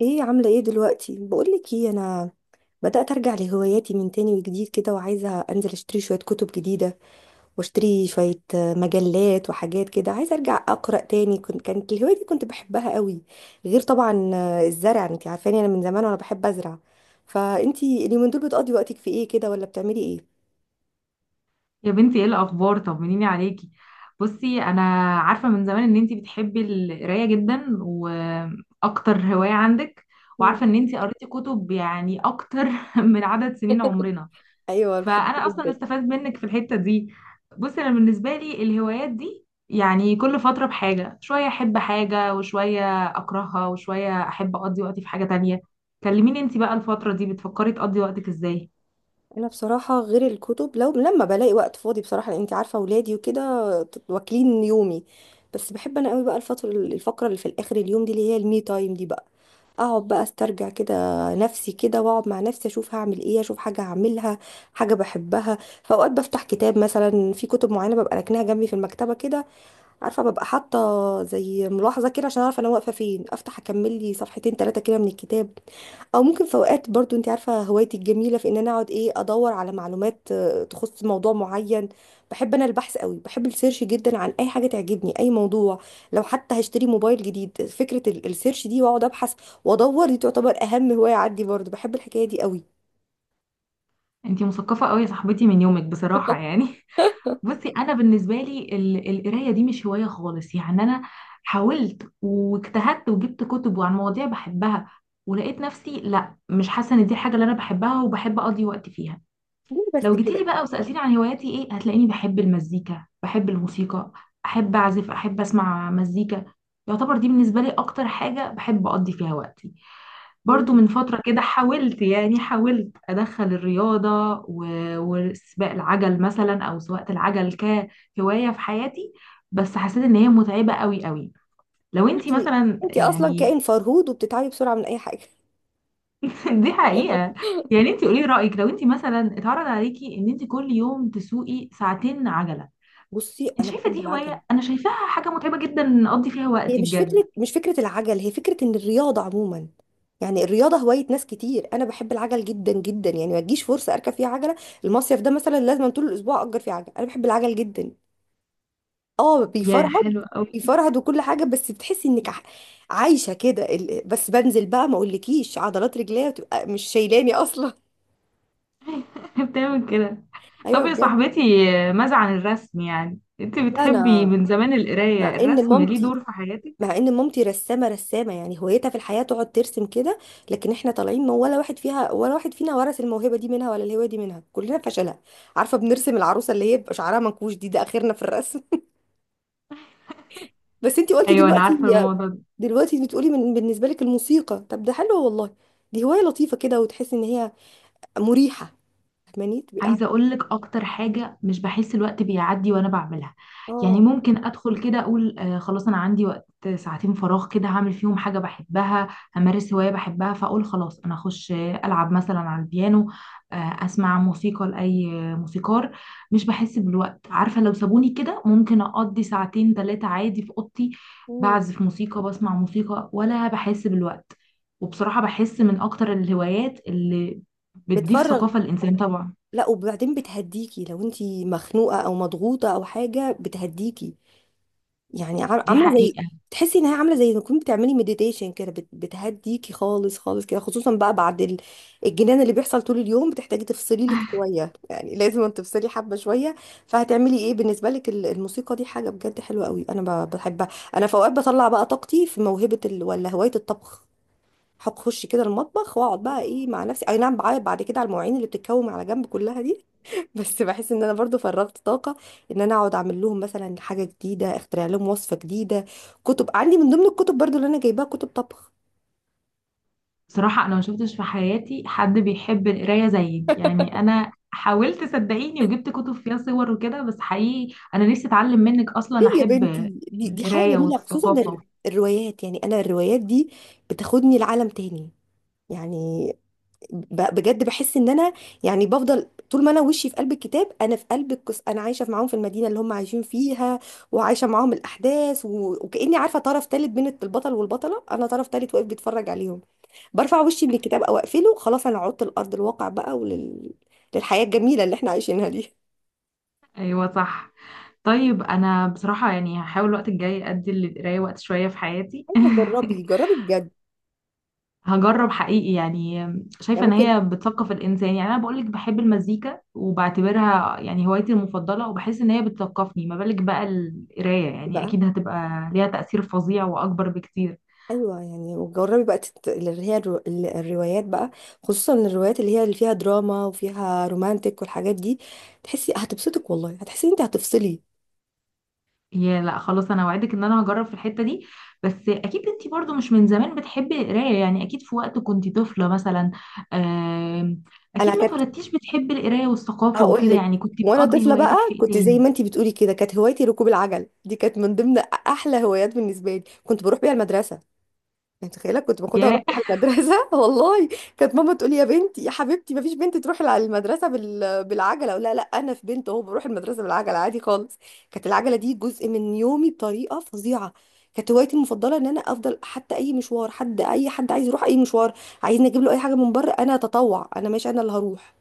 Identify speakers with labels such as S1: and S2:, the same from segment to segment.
S1: ايه عاملة ايه دلوقتي؟ بقولك ايه، انا بدأت ارجع لهواياتي من تاني وجديد كده، وعايزة انزل اشتري شوية كتب جديدة واشتري شوية مجلات وحاجات كده. عايزة ارجع اقرأ تاني، كانت الهواية دي كنت بحبها قوي. غير طبعا الزرع، انت عارفاني انا من زمان وانا بحب ازرع. فانتي اليومين دول بتقضي وقتك في ايه كده، ولا بتعملي ايه؟
S2: يا بنتي ايه الاخبار؟ طمنيني عليكي. بصي، انا عارفه من زمان ان انتي بتحبي القرايه جدا، واكتر هوايه عندك
S1: مم.
S2: وعارفه ان انتي قريتي كتب يعني اكتر من عدد سنين عمرنا.
S1: ايوه، أنا بحبها
S2: فانا اصلا
S1: جدا.
S2: استفاد منك في الحته دي. بصي انا بالنسبه لي الهوايات دي يعني كل فتره بحاجه، شويه احب حاجه وشويه اكرهها وشويه احب اقضي وقتي في حاجه تانية. كلميني انتي بقى الفتره دي بتفكري تقضي وقتك ازاي؟
S1: انا بصراحه غير الكتب، لو لما بلاقي وقت فاضي بصراحه، لان انت عارفه اولادي وكده واكلين يومي. بس بحب انا قوي بقى الفقره اللي في الاخر اليوم دي، اللي هي المي تايم دي بقى، اقعد بقى استرجع كده نفسي كده، واقعد مع نفسي اشوف هعمل ايه، اشوف حاجه هعملها حاجه بحبها. فاوقات بفتح كتاب، مثلا في كتب معينه ببقى راكناها جنبي في المكتبه كده، عارفه ببقى حاطه زي ملاحظه كده عشان اعرف انا واقفه فين، افتح اكمل لي صفحتين ثلاثه كده من الكتاب. او ممكن في اوقات برضو، انت عارفه هوايتي الجميله في ان انا اقعد ايه، ادور على معلومات تخص موضوع معين. بحب انا البحث قوي، بحب السيرش جدا عن اي حاجه تعجبني اي موضوع. لو حتى هشتري موبايل جديد، فكره السيرش دي واقعد ابحث وادور، دي تعتبر اهم هوايه عندي، برضو بحب الحكايه دي قوي.
S2: انتي مثقفه قوي يا صاحبتي من يومك بصراحه يعني بصي انا بالنسبه لي القرايه دي مش هوايه خالص، يعني انا حاولت واجتهدت وجبت كتب وعن مواضيع بحبها، ولقيت نفسي لا مش حاسه ان دي حاجه اللي انا بحبها وبحب اقضي وقت فيها.
S1: ليه بس
S2: لو
S1: كده؟
S2: جيتيلي بقى وسالتيني عن هواياتي ايه، هتلاقيني بحب المزيكا، بحب الموسيقى، احب اعزف، احب اسمع مزيكا. يعتبر دي بالنسبه لي اكتر حاجه بحب اقضي فيها وقتي. برضو من فترة كده حاولت، يعني حاولت أدخل الرياضة و- وسباق العجل مثلا أو سواقة العجل كهواية في حياتي، بس حسيت إن هي متعبة قوي قوي. لو
S1: انت
S2: انتي مثلا
S1: انت اصلا
S2: يعني
S1: كائن فرهود وبتتعبي بسرعه من اي حاجه.
S2: دي حقيقة. يعني انتي قولي رأيك، لو انتي مثلا اتعرض عليكي ان انتي كل يوم تسوقي ساعتين عجلة،
S1: بصي
S2: انت
S1: انا
S2: شايفة
S1: بحب
S2: دي
S1: العجل.
S2: هواية؟ أنا شايفاها حاجة متعبة جدا نقضي فيها
S1: هي
S2: وقتي
S1: مش
S2: بجد.
S1: فكرة مش فكرة العجل، هي فكرة ان الرياضة عموما، يعني الرياضة هواية ناس كتير. انا بحب العجل جدا جدا، يعني ما تجيش فرصة اركب فيها عجلة. المصيف ده مثلا لازم طول الاسبوع اجر فيه عجل، انا بحب العجل جدا. اه
S2: يا
S1: بيفرهد،
S2: حلو قوي
S1: بيفرهد وكل حاجة، بس بتحسي انك عايشة كده بس بنزل بقى، ما اقولكيش عضلات رجليا بتبقى مش شايلاني اصلا.
S2: بتعمل كده؟
S1: ايوه
S2: طب يا
S1: بجد.
S2: صاحبتي، ماذا عن الرسم، يعني انت
S1: لا
S2: بتحبي
S1: انا،
S2: من زمان
S1: مع
S2: القراية،
S1: ان
S2: الرسم ليه
S1: مامتي
S2: دور في حياتك؟
S1: مع ان مامتي رسامه، رسامه يعني هوايتها في الحياه تقعد ترسم كده، لكن احنا طالعين، ما ولا واحد فينا ورث الموهبه دي منها، ولا الهوايه دي منها، كلنا فشلها. عارفه بنرسم العروسه اللي هي بيبقى شعرها منكوش دي، ده اخرنا في الرسم. بس انتي قلتي
S2: ايوه انا
S1: دلوقتي.
S2: عارفة الموضوع.
S1: دلوقتي بتقولي من بالنسبه لك الموسيقى، طب ده حلو والله، دي هوايه لطيفه كده وتحسي ان هي مريحه. فاهماني تبقي
S2: عايزه اقول لك اكتر حاجه، مش بحس الوقت بيعدي وانا بعملها. يعني
S1: اه.
S2: ممكن ادخل كده اقول آه خلاص انا عندي وقت، ساعتين فراغ كده هعمل فيهم حاجه بحبها، همارس هوايه بحبها، فاقول خلاص انا اخش العب مثلا على البيانو، آه اسمع موسيقى لاي موسيقار. مش بحس بالوقت، عارفه لو سابوني كده ممكن اقضي ساعتين ثلاثه عادي في اوضتي،
S1: مم.
S2: بعزف موسيقى، بسمع موسيقى، ولا بحس بالوقت. وبصراحه بحس من اكتر الهوايات اللي بتضيف
S1: بتفرغ.
S2: ثقافه للانسان طبعا.
S1: لا، وبعدين بتهديكي، لو انتي مخنوقه او مضغوطه او حاجه بتهديكي، يعني
S2: دي
S1: عامله زي،
S2: حقيقة.
S1: تحسي انها عامله زي ما تكوني بتعملي مديتيشن كده، بتهديكي خالص خالص كده، خصوصا بقى بعد الجنان اللي بيحصل طول اليوم، بتحتاجي تفصلي لك شويه، يعني لازم تفصلي حبه شويه. فهتعملي ايه بالنسبه لك الموسيقى دي؟ حاجه بجد حلوه قوي، انا بحبها. انا في اوقات بطلع بقى طاقتي في موهبه ولا هوايه الطبخ، هتخش كده المطبخ واقعد بقى ايه مع نفسي، اي نعم بعيط بعد كده على المواعين اللي بتتكوم على جنب كلها دي بس بحس ان انا برضو فرغت طاقه، ان انا اقعد اعمل لهم مثلا حاجه جديده، اخترع لهم وصفه جديده. كتب عندي من ضمن الكتب برضو اللي انا جايباها كتب طبخ.
S2: بصراحة أنا ما شفتش في حياتي حد بيحب القراية زيك، يعني أنا حاولت صدقيني وجبت كتب فيها صور وكده، بس حقيقي أنا نفسي أتعلم منك،
S1: ليه
S2: أصلا
S1: يا بنتي؟
S2: أحب
S1: دي حاجه
S2: القراية
S1: جميله، خصوصا
S2: والثقافة.
S1: الروايات، يعني انا الروايات دي بتاخدني لعالم تاني، يعني بجد بحس ان انا، يعني بفضل طول ما انا وشي في قلب الكتاب، انا في قلب القصه، انا عايشه معاهم في المدينه اللي هم عايشين فيها، وعايشه معاهم الاحداث وكاني عارفه طرف تالت بين البطل والبطله، انا طرف تالت واقف بيتفرج عليهم. برفع وشي من الكتاب او اقفله، خلاص انا عدت لارض الواقع بقى، للحياه الجميله اللي احنا عايشينها دي.
S2: أيوة صح. طيب أنا بصراحة يعني هحاول الوقت الجاي أدي للقراية وقت شوية في حياتي
S1: ايوه جربي جربي بجد.
S2: هجرب حقيقي يعني.
S1: يعني
S2: شايفة ان
S1: ممكن
S2: هي بتثقف الانسان، يعني انا بقولك بحب المزيكا وبعتبرها يعني هوايتي المفضلة وبحس ان هي بتثقفني، ما بالك بقى القراية، يعني
S1: بقى.
S2: اكيد هتبقى ليها تأثير فظيع واكبر بكتير.
S1: ايوه يعني، وجربي بقى اللي هي الروايات بقى، خصوصا الروايات اللي هي اللي فيها دراما وفيها رومانتك والحاجات دي، تحسي هتبسطك والله، هتحسي ان انت هتفصلي.
S2: يا لا خلاص انا وعدك ان انا هجرب في الحتة دي. بس اكيد انتي برضو مش من زمان بتحبي القراية، يعني اكيد في وقت كنتي طفلة مثلا. آم،
S1: انا
S2: اكيد ما
S1: كانت،
S2: اتولدتيش بتحبي القراية والثقافة
S1: هقول
S2: وكده،
S1: لك.
S2: يعني كنتي
S1: وانا
S2: بتقضي
S1: طفله بقى
S2: هواياتك في ايه
S1: كنت زي
S2: تاني؟
S1: ما انت بتقولي كده، كانت هوايتي ركوب العجل، دي كانت من ضمن احلى هوايات بالنسبه لي، كنت بروح بيها المدرسه، متخيله كنت باخدها واروح بيها المدرسه والله. كانت ماما تقول لي يا بنتي يا حبيبتي، ما فيش بنت تروح المدرسه بالعجله، اقول لها لا، انا في بنت اهو بروح المدرسه بالعجله عادي خالص. كانت العجله دي جزء من يومي بطريقه فظيعه. كانت هوايتي المفضله ان انا افضل حتى اي مشوار، حد اي حد عايز يروح اي مشوار، عايزني اجيب له اي حاجه من بره، انا اتطوع، انا ماشي، انا اللي هروح،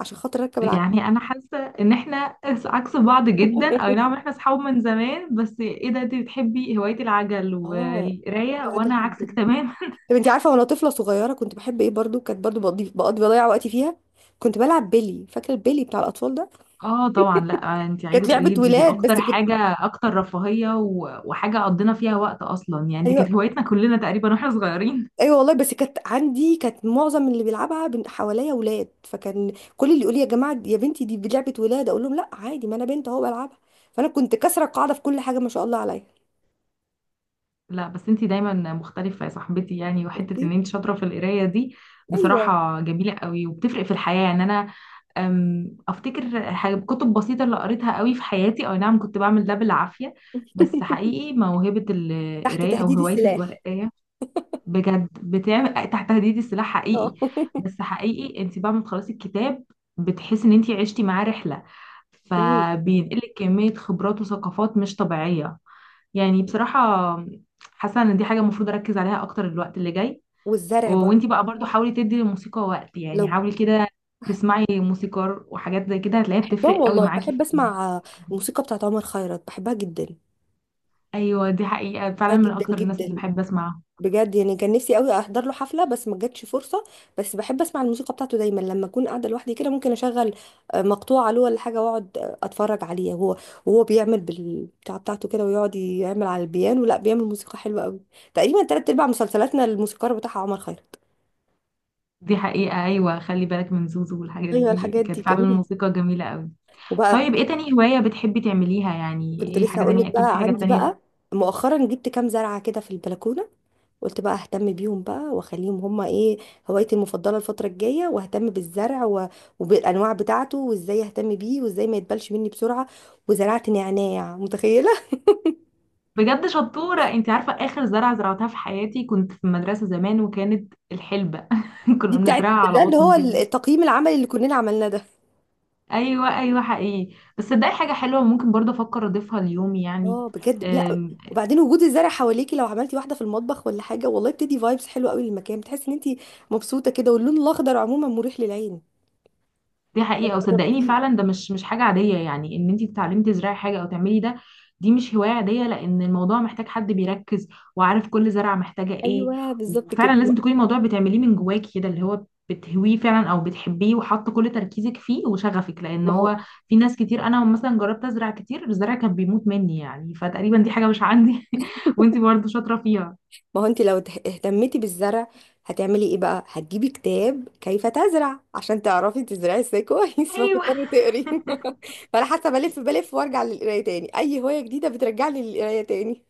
S1: عشان خاطر اركب العجله.
S2: يعني انا حاسه ان احنا عكس بعض جدا، اي نعم احنا اصحاب من زمان بس ايه ده، انت بتحبي هوايه العجل
S1: اه بحب
S2: والقرايه وانا
S1: العجل جدا.
S2: عكسك تماما
S1: طب انت عارفه وانا طفله صغيره كنت بحب ايه برضو؟ كانت برضو بقضي بضيع وقتي فيها، كنت بلعب بيلي، فاكره البيلي بتاع الاطفال ده؟
S2: اه طبعا، لا انت
S1: كانت
S2: عايزه
S1: لعبه
S2: تقولي دي
S1: ولاد، بس
S2: اكتر
S1: كنت
S2: حاجه، اكتر رفاهيه و- وحاجه قضينا فيها وقت اصلا، يعني دي
S1: ايوه.
S2: كانت هوايتنا كلنا تقريبا واحنا صغيرين
S1: ايوه والله، بس كانت عندي، كانت معظم اللي بيلعبها حواليا ولاد، فكان كل اللي يقول لي يا جماعه، يا بنتي دي لعبه ولاد، اقول لهم لا عادي، ما انا بنت اهو بلعبها، فانا كنت كسره القاعده في كل حاجه ما شاء الله عليا.
S2: لا بس انت دايما مختلفه يا صاحبتي، يعني وحته ان
S1: شفتي.
S2: انت شاطره في القرايه دي
S1: ايوه.
S2: بصراحه جميله قوي وبتفرق في الحياه، يعني انا افتكر حاجة كتب بسيطة اللي قريتها قوي في حياتي، او نعم كنت بعمل ده بالعافية، بس حقيقي موهبة
S1: تحت
S2: القراية او
S1: تهديد
S2: هواية
S1: السلاح.
S2: القراية، بجد بتعمل تحت تهديد السلاح حقيقي.
S1: اه
S2: بس حقيقي انت بعد ما تخلصي الكتاب بتحسي ان انت عشتي معاه رحلة،
S1: مم.
S2: فبينقلك كمية خبرات وثقافات مش طبيعية. يعني بصراحة حاسة ان دي حاجة المفروض اركز عليها اكتر الوقت اللي جاي.
S1: والزرع برضه.
S2: وانتي بقى برضو حاولي تدي للموسيقى وقت، يعني
S1: لو.
S2: حاولي كده تسمعي موسيقار وحاجات زي كده، هتلاقيها
S1: بحبهم
S2: بتفرق قوي
S1: والله،
S2: معاكي
S1: بحب
S2: في.
S1: اسمع الموسيقى بتاعت عمر خيرت، بحبها جدا.
S2: ايوه دي حقيقة
S1: بحبها
S2: فعلا من
S1: جدا
S2: اكتر الناس اللي
S1: جدا.
S2: بحب اسمعها.
S1: بجد يعني كان نفسي قوي احضر له حفله، بس ما جاتش فرصه. بس بحب اسمع الموسيقى بتاعته دايما لما اكون قاعده لوحدي كده، ممكن اشغل مقطوعه له ولا حاجه واقعد اتفرج عليه، وهو بيعمل بالبتاع بتاعته كده، ويقعد يعمل على البيانو، لا بيعمل موسيقى حلوه قوي. تقريبا تلات ارباع مسلسلاتنا الموسيقار بتاعها عمر خيرت.
S2: دي حقيقة، ايوه خلي بالك من زوزو والحاجات
S1: ايوه
S2: دي،
S1: الحاجات دي
S2: كانت فعلا
S1: جميله.
S2: الموسيقى جميلة قوي.
S1: وبقى،
S2: طيب ايه تاني هواية بتحبي تعمليها؟ يعني
S1: كنت
S2: ايه
S1: لسه
S2: حاجة
S1: هقول
S2: تانية،
S1: لك
S2: اكيد في
S1: بقى،
S2: حاجة
S1: عندي
S2: تانية.
S1: بقى مؤخرا جبت كام زرعه كده في البلكونه، قلت بقى اهتم بيهم بقى واخليهم هما ايه، هوايتي المفضله الفتره الجايه، واهتم بالزرع وبالانواع بتاعته، وازاي اهتم بيه، وازاي ما يتبلش مني بسرعه، وزرعت نعناع متخيله
S2: بجد شطورة، انت عارفة اخر زرعة زرعتها في حياتي كنت في المدرسة زمان وكانت الحلبة
S1: دي
S2: كنا
S1: بتاعت
S2: بنزرعها على
S1: ده اللي هو
S2: قطن كده.
S1: التقييم العملي اللي كلنا عملناه ده.
S2: ايوه ايوه حقيقي، بس صدقي حاجه حلوه ممكن برضه افكر اضيفها ليومي يعني.
S1: اه بجد، لا أيوة.
S2: أم،
S1: وبعدين وجود الزرع حواليكي، لو عملتي واحده في المطبخ ولا حاجه والله بتدي فايبس حلوه قوي للمكان، بتحسي ان انت مبسوطه كده، واللون الاخضر عموما مريح للعين.
S2: دي حقيقه، وصدقيني
S1: جربتيه؟
S2: فعلا ده مش حاجه عاديه يعني، ان انت تتعلمي تزرعي حاجه او تعملي ده. دي مش هوايه عاديه لان الموضوع محتاج حد بيركز وعارف كل زرعه محتاجه ايه،
S1: ايوه بالظبط كده.
S2: وفعلا لازم تكوني الموضوع بتعمليه من جواكي كده، اللي هو بتهويه فعلا او بتحبيه وحاطه كل تركيزك فيه وشغفك، لان
S1: ما هو
S2: هو في ناس كتير انا مثلا جربت ازرع كتير الزرع كان بيموت مني، يعني فتقريبا دي حاجه مش عندي وانت برضه شاطره فيها.
S1: ما هو انت لو اهتمتي بالزرع، هتعملي ايه بقى؟ هتجيبي كتاب كيف تزرع عشان تعرفي تزرعي ازاي كويس،
S2: ايوه
S1: فتضطري تقري فانا حاسه بلف بلف وارجع للقرايه تاني، اي هوايه جديده بترجعني للقرايه تاني.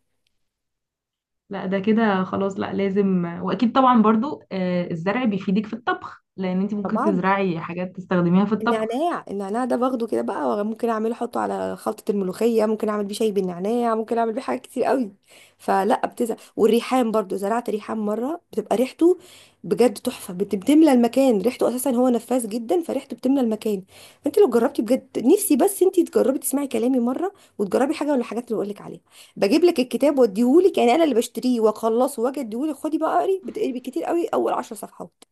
S2: لا ده كده خلاص، لا لازم واكيد طبعا برضو الزرع بيفيدك في الطبخ، لان انت ممكن
S1: طبعا.
S2: تزرعي حاجات تستخدميها في الطبخ.
S1: النعناع، النعناع ده باخده كده بقى، ممكن اعمله احطه على خلطة الملوخية، ممكن اعمل بيه شاي بالنعناع، ممكن اعمل بيه حاجات كتير قوي، فلا بتزهق. والريحان برضو، زرعت ريحان مرة، بتبقى ريحته بجد تحفة، بتملى المكان ريحته، اساسا هو نفاذ جدا فريحته بتملى المكان. انت لو جربتي بجد، نفسي بس انت تجربي، تسمعي كلامي مرة، وتجربي حاجة من الحاجات اللي بقول لك عليها. بجيب لك الكتاب واديهولك، يعني انا اللي بشتريه واخلصه واجي اديهولك، خدي بقى اقري، بتقري بالكتير قوي اول 10 صفحات،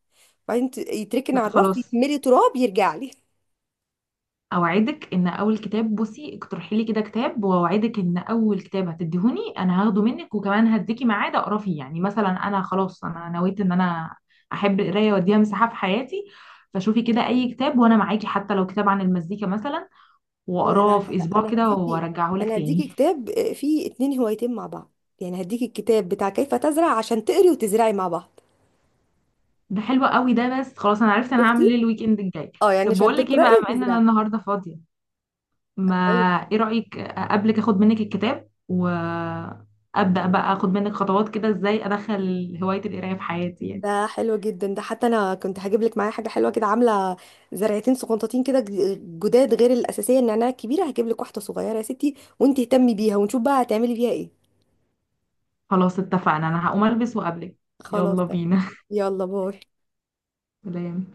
S1: بعدين يتركن على
S2: لا
S1: الرف
S2: خلاص،
S1: يتملي تراب يرجع لي.
S2: اوعدك ان اول كتاب، بصي اقترحي لي كده كتاب، واوعدك ان اول كتاب هتديهوني انا هاخده منك، وكمان هديكي ميعاد اقرا فيه، يعني مثلا انا خلاص انا نويت ان انا احب القرايه واديها مساحه في حياتي، فشوفي كده اي كتاب وانا معاكي، حتى لو كتاب عن المزيكا مثلا،
S1: لا،
S2: واقراه
S1: لا، لا،
S2: في
S1: لا،
S2: اسبوع
S1: انا
S2: كده
S1: هديكي.
S2: وارجعه لك تاني.
S1: كتاب فيه اتنين هوايتين مع بعض، يعني هديكي الكتاب بتاع كيف تزرع عشان تقري وتزرعي مع بعض.
S2: ده حلو قوي ده، بس خلاص انا عرفت انا هعمل
S1: شفتي؟
S2: ايه الويك اند الجاي.
S1: اه يعني
S2: طب
S1: عشان
S2: بقول لك ايه
S1: تقراي
S2: بقى، بما ان انا
S1: وتزرعي.
S2: النهارده فاضيه ما،
S1: ايوه
S2: ايه رايك قبلك اخد منك الكتاب وابدا بقى اخد منك خطوات كده ازاي ادخل هوايه القرايه في حياتي يعني.
S1: ده حلو جدا، ده حتى انا كنت هجيب لك معايا حاجه حلوه كده، عامله زرعتين سقنطتين كده جداد، غير الاساسيه النعناع الكبيره، هجيب لك واحده صغيره يا ستي، وانت اهتمي بيها ونشوف بقى هتعملي بيها ايه.
S2: خلاص اتفقنا، انا هقوم البس وقابلك.
S1: خلاص
S2: يلا
S1: ده.
S2: بينا
S1: يلا باي.
S2: سلام.